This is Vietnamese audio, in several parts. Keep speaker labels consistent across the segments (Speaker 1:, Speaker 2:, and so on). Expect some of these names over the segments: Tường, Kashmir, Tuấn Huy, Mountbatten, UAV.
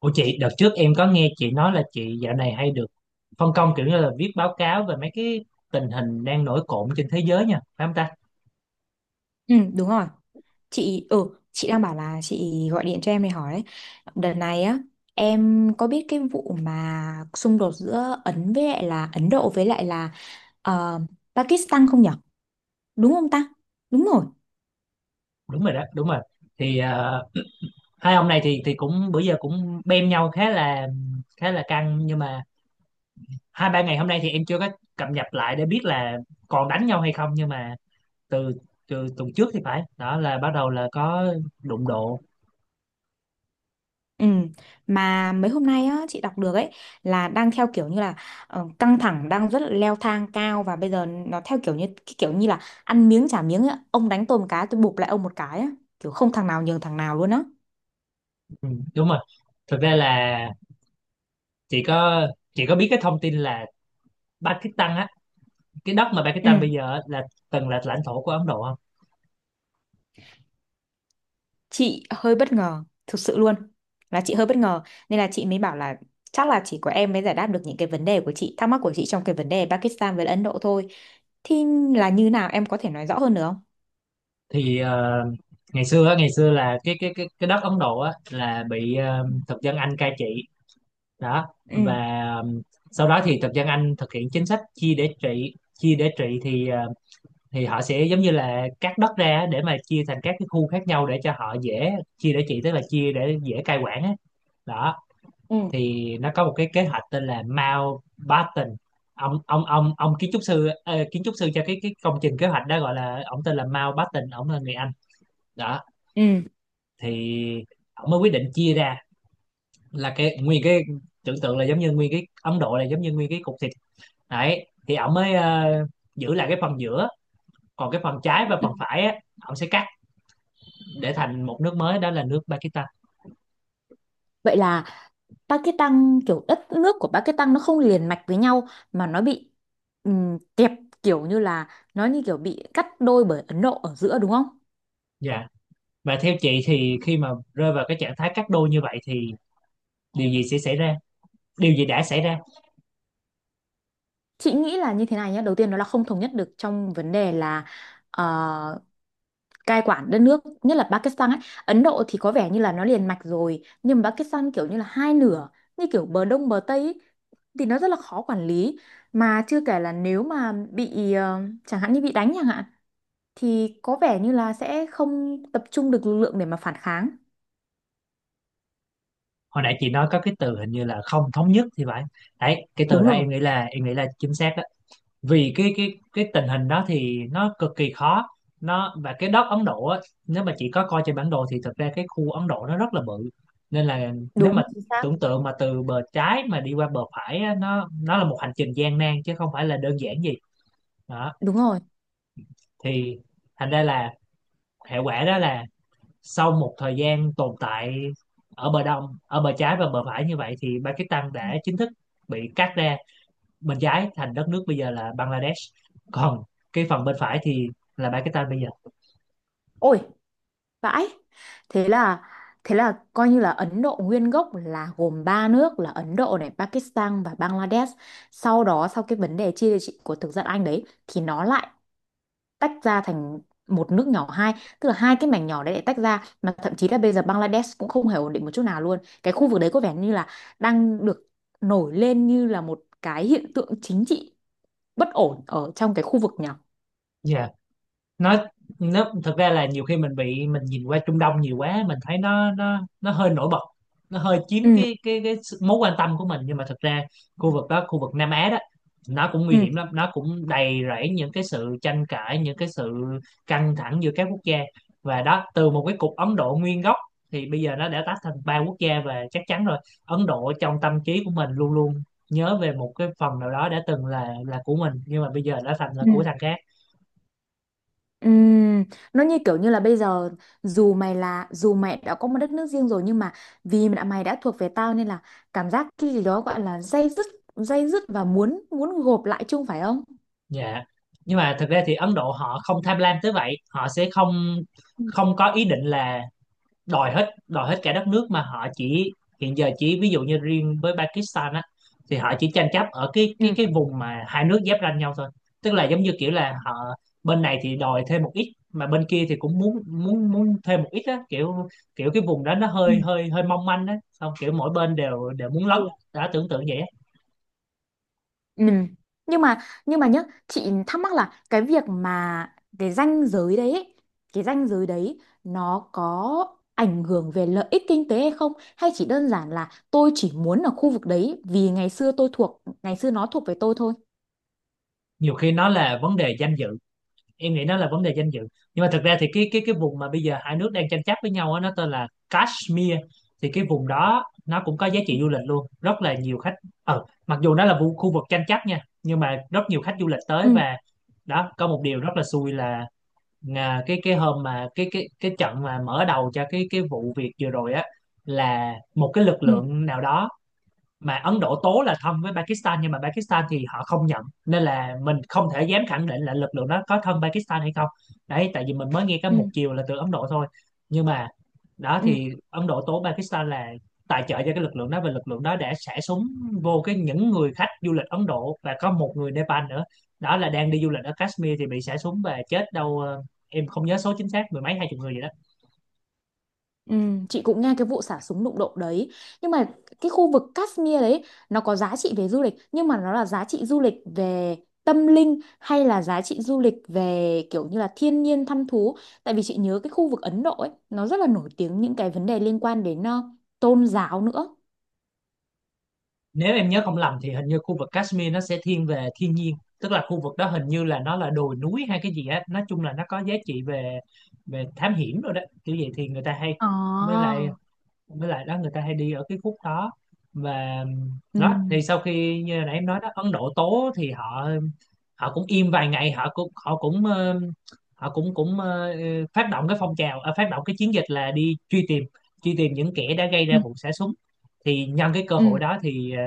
Speaker 1: Ủa chị, đợt trước em có nghe chị nói là chị dạo này hay được phân công kiểu như là viết báo cáo về mấy cái tình hình đang nổi cộm trên thế giới nha, phải không ta?
Speaker 2: Ừ, đúng rồi. Chị đang bảo là chị gọi điện cho em để hỏi đấy. Đợt này á, em có biết cái vụ mà xung đột giữa Ấn Độ với lại là ờ, Pakistan không nhở? Đúng không ta? Đúng rồi.
Speaker 1: Đúng rồi đó, đúng rồi. Thì hai ông này thì cũng bữa giờ cũng bem nhau khá là căng, nhưng mà hai ba ngày hôm nay thì em chưa có cập nhật lại để biết là còn đánh nhau hay không, nhưng mà từ từ tuần trước thì phải, đó là bắt đầu là có đụng độ.
Speaker 2: Ừ, mà mấy hôm nay á chị đọc được ấy là đang theo kiểu như là căng thẳng đang rất là leo thang cao và bây giờ nó theo kiểu như cái kiểu như là ăn miếng trả miếng ấy. Ông đánh tôi một cái tôi bụp lại ông một cái á, kiểu không thằng nào nhường thằng nào luôn á.
Speaker 1: Ừ, đúng rồi. Thực ra là chị có chị có biết cái thông tin là Pakistan á, cái đất mà
Speaker 2: Ừ.
Speaker 1: Pakistan bây giờ á, là từng là lãnh thổ của Ấn Độ không?
Speaker 2: chị hơi bất ngờ thực sự luôn là chị hơi bất ngờ nên là chị mới bảo là chắc là chỉ có em mới giải đáp được những cái vấn đề của chị thắc mắc của chị trong cái vấn đề Pakistan với Ấn Độ thôi, thì là như nào em có thể nói rõ hơn được không?
Speaker 1: Thì ngày xưa á, ngày xưa là cái đất Ấn Độ á, là bị thực dân Anh cai trị, đó.
Speaker 2: Ừ
Speaker 1: Và ờ, sau đó thì thực dân Anh thực hiện chính sách Chia để trị thì thì họ sẽ giống như là cắt đất ra á, để mà chia thành các cái khu khác nhau để cho họ dễ chia để trị, tức là chia để dễ cai quản á, đó.
Speaker 2: Ừ.
Speaker 1: Thì nó có một cái kế hoạch tên là Mountbatten. Ông kiến trúc sư, kiến trúc sư cho cái công trình kế hoạch đó, gọi là ông tên là Mountbatten, ông là người Anh, đó.
Speaker 2: Ừ.
Speaker 1: Thì ông mới quyết định chia ra là cái nguyên cái tưởng tượng là giống như nguyên cái Ấn Độ là giống như nguyên cái cục thịt đấy, thì ông mới giữ lại cái phần giữa, còn cái phần trái và
Speaker 2: Ừ.
Speaker 1: phần phải á, ông sẽ cắt để thành một nước mới, đó là nước Pakistan.
Speaker 2: Vậy là Pakistan, kiểu đất nước của Pakistan nó không liền mạch với nhau mà nó bị kẹp, kiểu như là nó như kiểu bị cắt đôi bởi Ấn Độ ở giữa đúng không?
Speaker 1: Dạ. Và theo chị thì khi mà rơi vào cái trạng thái cắt đôi như vậy thì điều gì sẽ xảy ra, điều gì đã xảy ra?
Speaker 2: Chị nghĩ là như thế này nhé. Đầu tiên nó là không thống nhất được trong vấn đề là ờ, cai quản đất nước, nhất là Pakistan ấy. Ấn Độ thì có vẻ như là nó liền mạch rồi nhưng mà Pakistan kiểu như là hai nửa, như kiểu bờ đông bờ tây ấy, thì nó rất là khó quản lý, mà chưa kể là nếu mà bị chẳng hạn như bị đánh chẳng hạn, thì có vẻ như là sẽ không tập trung được lực lượng để mà phản kháng.
Speaker 1: Hồi nãy chị nói có cái từ hình như là không thống nhất thì phải, đấy cái từ
Speaker 2: Đúng
Speaker 1: đó
Speaker 2: rồi.
Speaker 1: em nghĩ là chính xác đó. Vì cái tình hình đó thì nó cực kỳ khó. Nó và cái đất Ấn Độ á, nếu mà chị có coi trên bản đồ thì thực ra cái khu Ấn Độ nó rất là bự, nên là nếu
Speaker 2: Đúng
Speaker 1: mà
Speaker 2: chính xác.
Speaker 1: tưởng tượng mà từ bờ trái mà đi qua bờ phải á, nó là một hành trình gian nan chứ không phải là đơn giản gì, đó.
Speaker 2: Đúng rồi.
Speaker 1: Thì thành ra là hệ quả đó là sau một thời gian tồn tại ở bờ đông, ở bờ trái và bờ phải như vậy thì Pakistan đã chính thức bị cắt ra. Bên trái thành đất nước bây giờ là Bangladesh, còn cái phần bên phải thì là Pakistan bây giờ.
Speaker 2: Ôi, vãi. Thế là thế là coi như là Ấn Độ nguyên gốc là gồm ba nước là Ấn Độ này, Pakistan và Bangladesh. Sau đó sau cái vấn đề chia địa trị của thực dân Anh đấy thì nó lại tách ra thành một nước nhỏ hai, tức là hai cái mảnh nhỏ đấy lại tách ra, mà thậm chí là bây giờ Bangladesh cũng không hề ổn định một chút nào luôn. Cái khu vực đấy có vẻ như là đang được nổi lên như là một cái hiện tượng chính trị bất ổn ở trong cái khu vực nhỏ.
Speaker 1: Dạ. nó nó thực ra là nhiều khi mình bị mình nhìn qua Trung Đông nhiều quá, mình thấy nó nó hơi nổi bật, nó hơi chiếm
Speaker 2: Ừ.
Speaker 1: cái mối quan tâm của mình, nhưng mà thực ra khu vực đó, khu vực Nam Á đó, nó cũng nguy
Speaker 2: Ừ.
Speaker 1: hiểm lắm, nó cũng đầy rẫy những cái sự tranh cãi, những cái sự căng thẳng giữa các quốc gia. Và đó, từ một cái cục Ấn Độ nguyên gốc thì bây giờ nó đã tách thành ba quốc gia, và chắc chắn rồi, Ấn Độ trong tâm trí của mình luôn luôn nhớ về một cái phần nào đó đã từng là của mình nhưng mà bây giờ đã thành là
Speaker 2: Ừ.
Speaker 1: của thằng khác.
Speaker 2: Ừm, nó như kiểu như là bây giờ dù mày đã có một đất nước riêng rồi nhưng mà vì mày đã thuộc về tao nên là cảm giác cái gì đó gọi là day dứt, day dứt và muốn muốn gộp lại chung phải không?
Speaker 1: Dạ. Nhưng mà thực ra thì Ấn Độ họ không tham lam tới vậy, họ sẽ không
Speaker 2: Ừ.
Speaker 1: không có ý định là đòi hết cả đất nước, mà họ chỉ hiện giờ chỉ ví dụ như riêng với Pakistan á, thì họ chỉ tranh chấp ở cái cái
Speaker 2: Ừ.
Speaker 1: cái vùng mà hai nước giáp ranh nhau thôi. Tức là giống như kiểu là họ bên này thì đòi thêm một ít mà bên kia thì cũng muốn muốn muốn thêm một ít á, kiểu kiểu cái vùng đó nó
Speaker 2: Ừ.
Speaker 1: hơi hơi hơi mong manh á, xong kiểu mỗi bên đều đều muốn lấn.
Speaker 2: Ừ.
Speaker 1: Đã tưởng tượng vậy á.
Speaker 2: Ừ. Nhưng mà nhưng mà nhá, chị thắc mắc là cái việc mà cái ranh giới đấy ấy, cái ranh giới đấy nó có ảnh hưởng về lợi ích kinh tế hay không, hay chỉ đơn giản là tôi chỉ muốn ở khu vực đấy vì ngày xưa nó thuộc về tôi thôi.
Speaker 1: Nhiều khi nó là vấn đề danh dự, em nghĩ nó là vấn đề danh dự, nhưng mà thực ra thì cái vùng mà bây giờ hai nước đang tranh chấp với nhau á, nó tên là Kashmir. Thì cái vùng đó nó cũng có giá trị du lịch luôn, rất là nhiều khách. Mặc dù nó là khu vực tranh chấp nha, nhưng mà rất nhiều khách du lịch tới.
Speaker 2: Ừ.
Speaker 1: Và đó, có một điều rất là xui là, cái hôm mà cái trận mà mở đầu cho cái vụ việc vừa rồi á, là một cái lực
Speaker 2: Ừ.
Speaker 1: lượng nào đó mà Ấn Độ tố là thân với Pakistan, nhưng mà Pakistan thì họ không nhận, nên là mình không thể dám khẳng định là lực lượng đó có thân Pakistan hay không, đấy tại vì mình mới nghe cái
Speaker 2: Ừ.
Speaker 1: một chiều là từ Ấn Độ thôi. Nhưng mà đó,
Speaker 2: Ừ.
Speaker 1: thì Ấn Độ tố Pakistan là tài trợ cho cái lực lượng đó, và lực lượng đó đã xả súng vô cái những người khách du lịch Ấn Độ, và có một người Nepal nữa đó, là đang đi du lịch ở Kashmir thì bị xả súng và chết, đâu em không nhớ số chính xác, mười mấy hai chục người gì đó.
Speaker 2: Ừ. Chị cũng nghe cái vụ xả súng đụng độ đấy, nhưng mà cái khu vực Kashmir đấy, nó có giá trị về du lịch, nhưng mà nó là giá trị du lịch về tâm linh hay là giá trị du lịch về kiểu như là thiên nhiên thăm thú? Tại vì chị nhớ cái khu vực Ấn Độ ấy nó rất là nổi tiếng những cái vấn đề liên quan đến tôn giáo nữa.
Speaker 1: Nếu em nhớ không lầm thì hình như khu vực Kashmir nó sẽ thiên về thiên nhiên, tức là khu vực đó hình như là nó là đồi núi hay cái gì á, nói chung là nó có giá trị về về thám hiểm rồi đó, kiểu vậy thì người ta hay,
Speaker 2: Ồ.
Speaker 1: với lại đó người ta hay đi ở cái khúc đó. Và
Speaker 2: Ừ.
Speaker 1: đó, thì sau khi như nãy em nói đó, Ấn Độ tố thì họ họ cũng im vài ngày, họ cũng cũng ờ, phát động cái phong trào, phát động cái chiến dịch là đi truy tìm, những kẻ đã gây
Speaker 2: Ừ.
Speaker 1: ra vụ xả súng. Thì nhân cái cơ
Speaker 2: Ừ.
Speaker 1: hội đó thì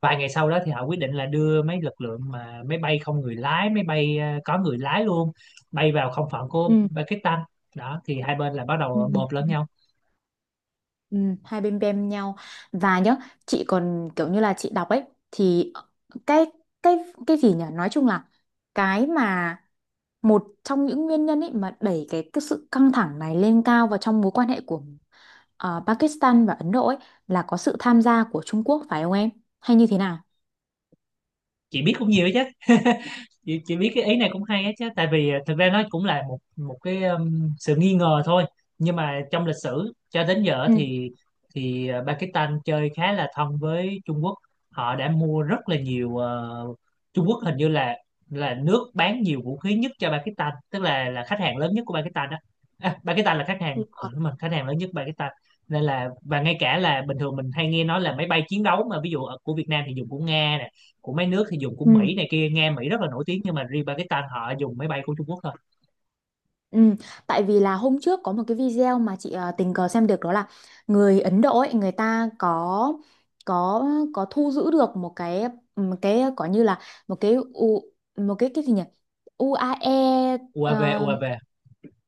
Speaker 1: vài ngày sau đó thì họ quyết định là đưa mấy lực lượng mà máy bay không người lái, máy bay có người lái luôn, bay vào không phận của Pakistan. Đó thì hai bên là bắt đầu bộp
Speaker 2: Ừ.
Speaker 1: lẫn nhau.
Speaker 2: Ừ, hai bên bem nhau. Và nhớ, chị còn kiểu như là đọc ấy, thì cái cái cái gì nhỉ nói chung là cái mà một trong những nguyên nhân ấy mà đẩy cái sự căng thẳng này lên cao vào trong mối quan hệ của Pakistan và Ấn Độ ấy, là có sự tham gia của Trung Quốc phải không em, hay như thế nào?
Speaker 1: Chị biết cũng nhiều chứ. Chị biết cái ý này cũng hay á chứ, tại vì thực ra nó cũng là một một cái sự nghi ngờ thôi. Nhưng mà trong lịch sử cho đến giờ
Speaker 2: Ừ.
Speaker 1: thì Pakistan chơi khá là thân với Trung Quốc. Họ đã mua rất là nhiều, Trung Quốc hình như là nước bán nhiều vũ khí nhất cho Pakistan, tức là khách hàng lớn nhất của Pakistan đó. À, Pakistan là khách hàng, ừ, đúng rồi, khách hàng lớn nhất Pakistan. Nên là, và ngay cả là bình thường mình hay nghe nói là máy bay chiến đấu mà ví dụ ở của Việt Nam thì dùng của Nga nè, của mấy nước thì dùng của
Speaker 2: Ừ.
Speaker 1: Mỹ này kia, nghe Mỹ rất là nổi tiếng, nhưng mà riêng Pakistan họ dùng máy bay của Trung Quốc thôi.
Speaker 2: Ừ, tại vì là hôm trước có một cái video mà chị tình cờ xem được, đó là người Ấn Độ ấy, người ta có có thu giữ được một cái, ừ, một cái có như là một cái u, một cái gì nhỉ UAE,
Speaker 1: UAV
Speaker 2: ờ,
Speaker 1: UAV,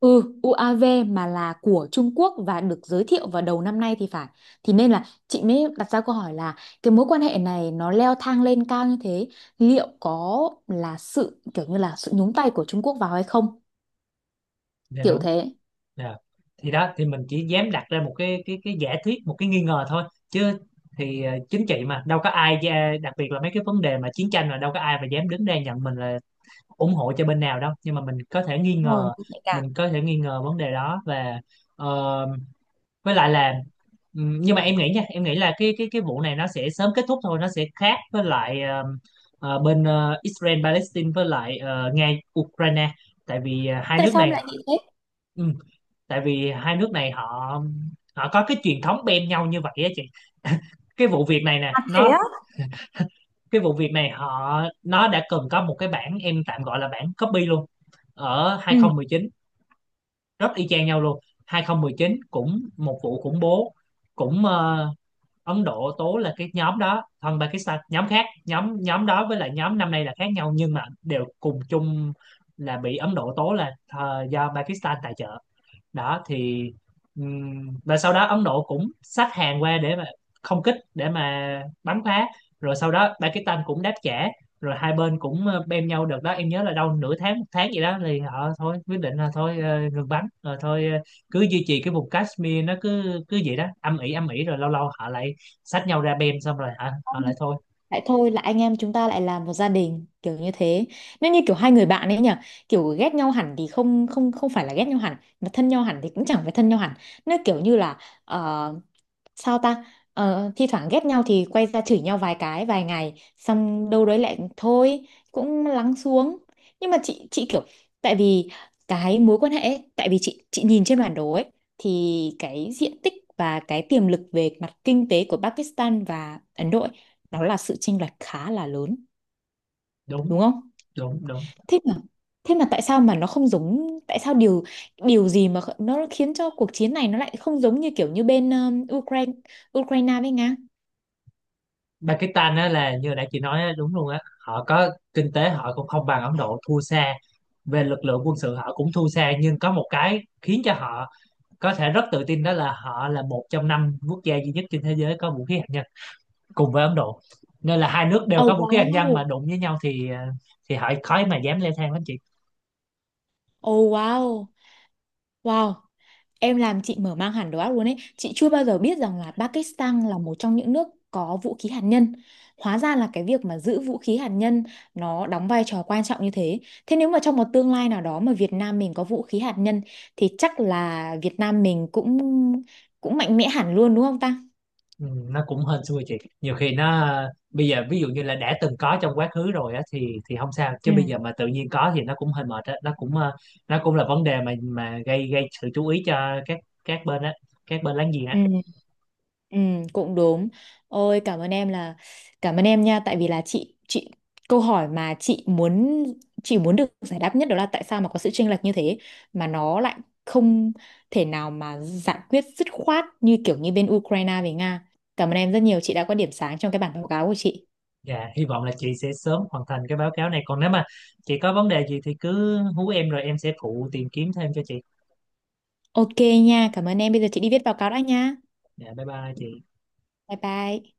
Speaker 2: ừ UAV, mà là của Trung Quốc và được giới thiệu vào đầu năm nay thì phải. Thì nên là chị mới đặt ra câu hỏi là cái mối quan hệ này nó leo thang lên cao như thế, liệu có là sự kiểu như là sự nhúng tay của Trung Quốc vào hay không,
Speaker 1: dạ
Speaker 2: kiểu
Speaker 1: đúng.
Speaker 2: thế.
Speaker 1: Dạ. Thì đó thì mình chỉ dám đặt ra một cái giả thuyết, một cái nghi ngờ thôi chứ. Thì chính trị mà đâu có ai đặc biệt là mấy cái vấn đề mà chiến tranh là đâu có ai mà dám đứng ra nhận mình là ủng hộ cho bên nào đâu, nhưng mà mình có thể nghi
Speaker 2: Đúng rồi, nó
Speaker 1: ngờ,
Speaker 2: cũng nhạy cảm.
Speaker 1: vấn đề đó. Và ờ, với lại là, nhưng mà em nghĩ nha, em nghĩ là cái vụ này nó sẽ sớm kết thúc thôi, nó sẽ khác với lại bên Israel Palestine, với lại Nga Ukraine. Tại vì hai
Speaker 2: Tại
Speaker 1: nước
Speaker 2: sao em
Speaker 1: này,
Speaker 2: lại nghĩ thế?
Speaker 1: ừm, tại vì hai nước này họ họ có cái truyền thống bem nhau như vậy á chị. cái vụ việc này nè nó cái vụ việc này họ, nó đã từng có một cái bản em tạm gọi là bản copy luôn, ở 2019, rất y chang nhau luôn. 2019 cũng một vụ khủng bố, cũng Ấn Độ Tố là cái nhóm đó, còn Pakistan nhóm khác, nhóm nhóm đó với lại nhóm năm nay là khác nhau nhưng mà đều cùng chung là bị Ấn Độ Tố là do Pakistan tài trợ, đó. Thì và sau đó Ấn Độ cũng xách hàng qua để mà không kích, để mà bắn phá, rồi sau đó Pakistan cũng đáp trả, rồi hai bên cũng bem nhau được đó em nhớ là đâu nửa tháng một tháng gì đó thì họ thôi, quyết định là thôi, ngừng bắn, rồi thôi, cứ duy trì cái vùng Kashmir nó cứ cứ vậy đó, âm ỉ rồi lâu lâu họ lại xách nhau ra bem, xong rồi hả họ lại thôi.
Speaker 2: Lại thôi là anh em chúng ta lại làm một gia đình kiểu như thế. Nếu như kiểu hai người bạn ấy nhỉ, kiểu ghét nhau hẳn thì không không không phải là ghét nhau hẳn, mà thân nhau hẳn thì cũng chẳng phải thân nhau hẳn. Nó kiểu như là ờ, sao ta thi thoảng ghét nhau thì quay ra chửi nhau vài cái vài ngày xong đâu đấy lại thôi, cũng lắng xuống. Nhưng mà chị kiểu, tại vì cái mối quan hệ ấy, tại vì chị nhìn trên bản đồ ấy, thì cái diện tích và cái tiềm lực về mặt kinh tế của Pakistan và Ấn Độ ấy, nó là sự chênh lệch khá là lớn,
Speaker 1: Đúng
Speaker 2: đúng không?
Speaker 1: đúng đúng.
Speaker 2: Thế mà thế mà tại sao mà nó không giống, tại sao điều điều gì mà kh- nó khiến cho cuộc chiến này nó lại không giống như kiểu như bên Ukraine, Ukraine với Nga?
Speaker 1: Pakistan á, là như nãy chị nói á, đúng luôn á, họ có kinh tế họ cũng không bằng Ấn Độ, thua xa, về lực lượng quân sự họ cũng thua xa, nhưng có một cái khiến cho họ có thể rất tự tin đó là họ là một trong năm quốc gia duy nhất trên thế giới có vũ khí hạt nhân, cùng với Ấn Độ. Nên là hai nước đều
Speaker 2: Oh
Speaker 1: có vũ khí hạt nhân mà
Speaker 2: wow,
Speaker 1: đụng với nhau thì thì họ khó mà dám leo thang lắm chị.
Speaker 2: oh wow, wow. Em làm chị mở mang hẳn đầu óc luôn ấy. Chị chưa bao giờ biết rằng là Pakistan là một trong những nước có vũ khí hạt nhân. Hóa ra là cái việc mà giữ vũ khí hạt nhân nó đóng vai trò quan trọng như thế. Thế nếu mà trong một tương lai nào đó mà Việt Nam mình có vũ khí hạt nhân thì chắc là Việt Nam mình cũng cũng mạnh mẽ hẳn luôn đúng không ta?
Speaker 1: Ừ, nó cũng hên xui chị, nhiều khi nó bây giờ ví dụ như là đã từng có trong quá khứ rồi á thì không sao, chứ
Speaker 2: Ừ.
Speaker 1: bây giờ mà tự nhiên có thì nó cũng hơi mệt á, nó cũng nó cũng là vấn đề mà gây gây sự chú ý cho các bên á, các bên láng giềng á.
Speaker 2: Ừ. Ừ, cũng đúng. Ôi cảm ơn em, là cảm ơn em nha, tại vì là chị, câu hỏi mà chị muốn, chị muốn được giải đáp nhất đó là tại sao mà có sự chênh lệch như thế mà nó lại không thể nào mà giải quyết dứt khoát như kiểu như bên Ukraine với Nga. Cảm ơn em rất nhiều, chị đã có điểm sáng trong cái bản báo cáo của chị.
Speaker 1: Dạ hy vọng là chị sẽ sớm hoàn thành cái báo cáo này, còn nếu mà chị có vấn đề gì thì cứ hú em rồi em sẽ phụ tìm kiếm thêm cho chị.
Speaker 2: Ok nha, cảm ơn em. Bây giờ chị đi viết báo cáo đã nha.
Speaker 1: Dạ bye bye chị.
Speaker 2: Bye bye.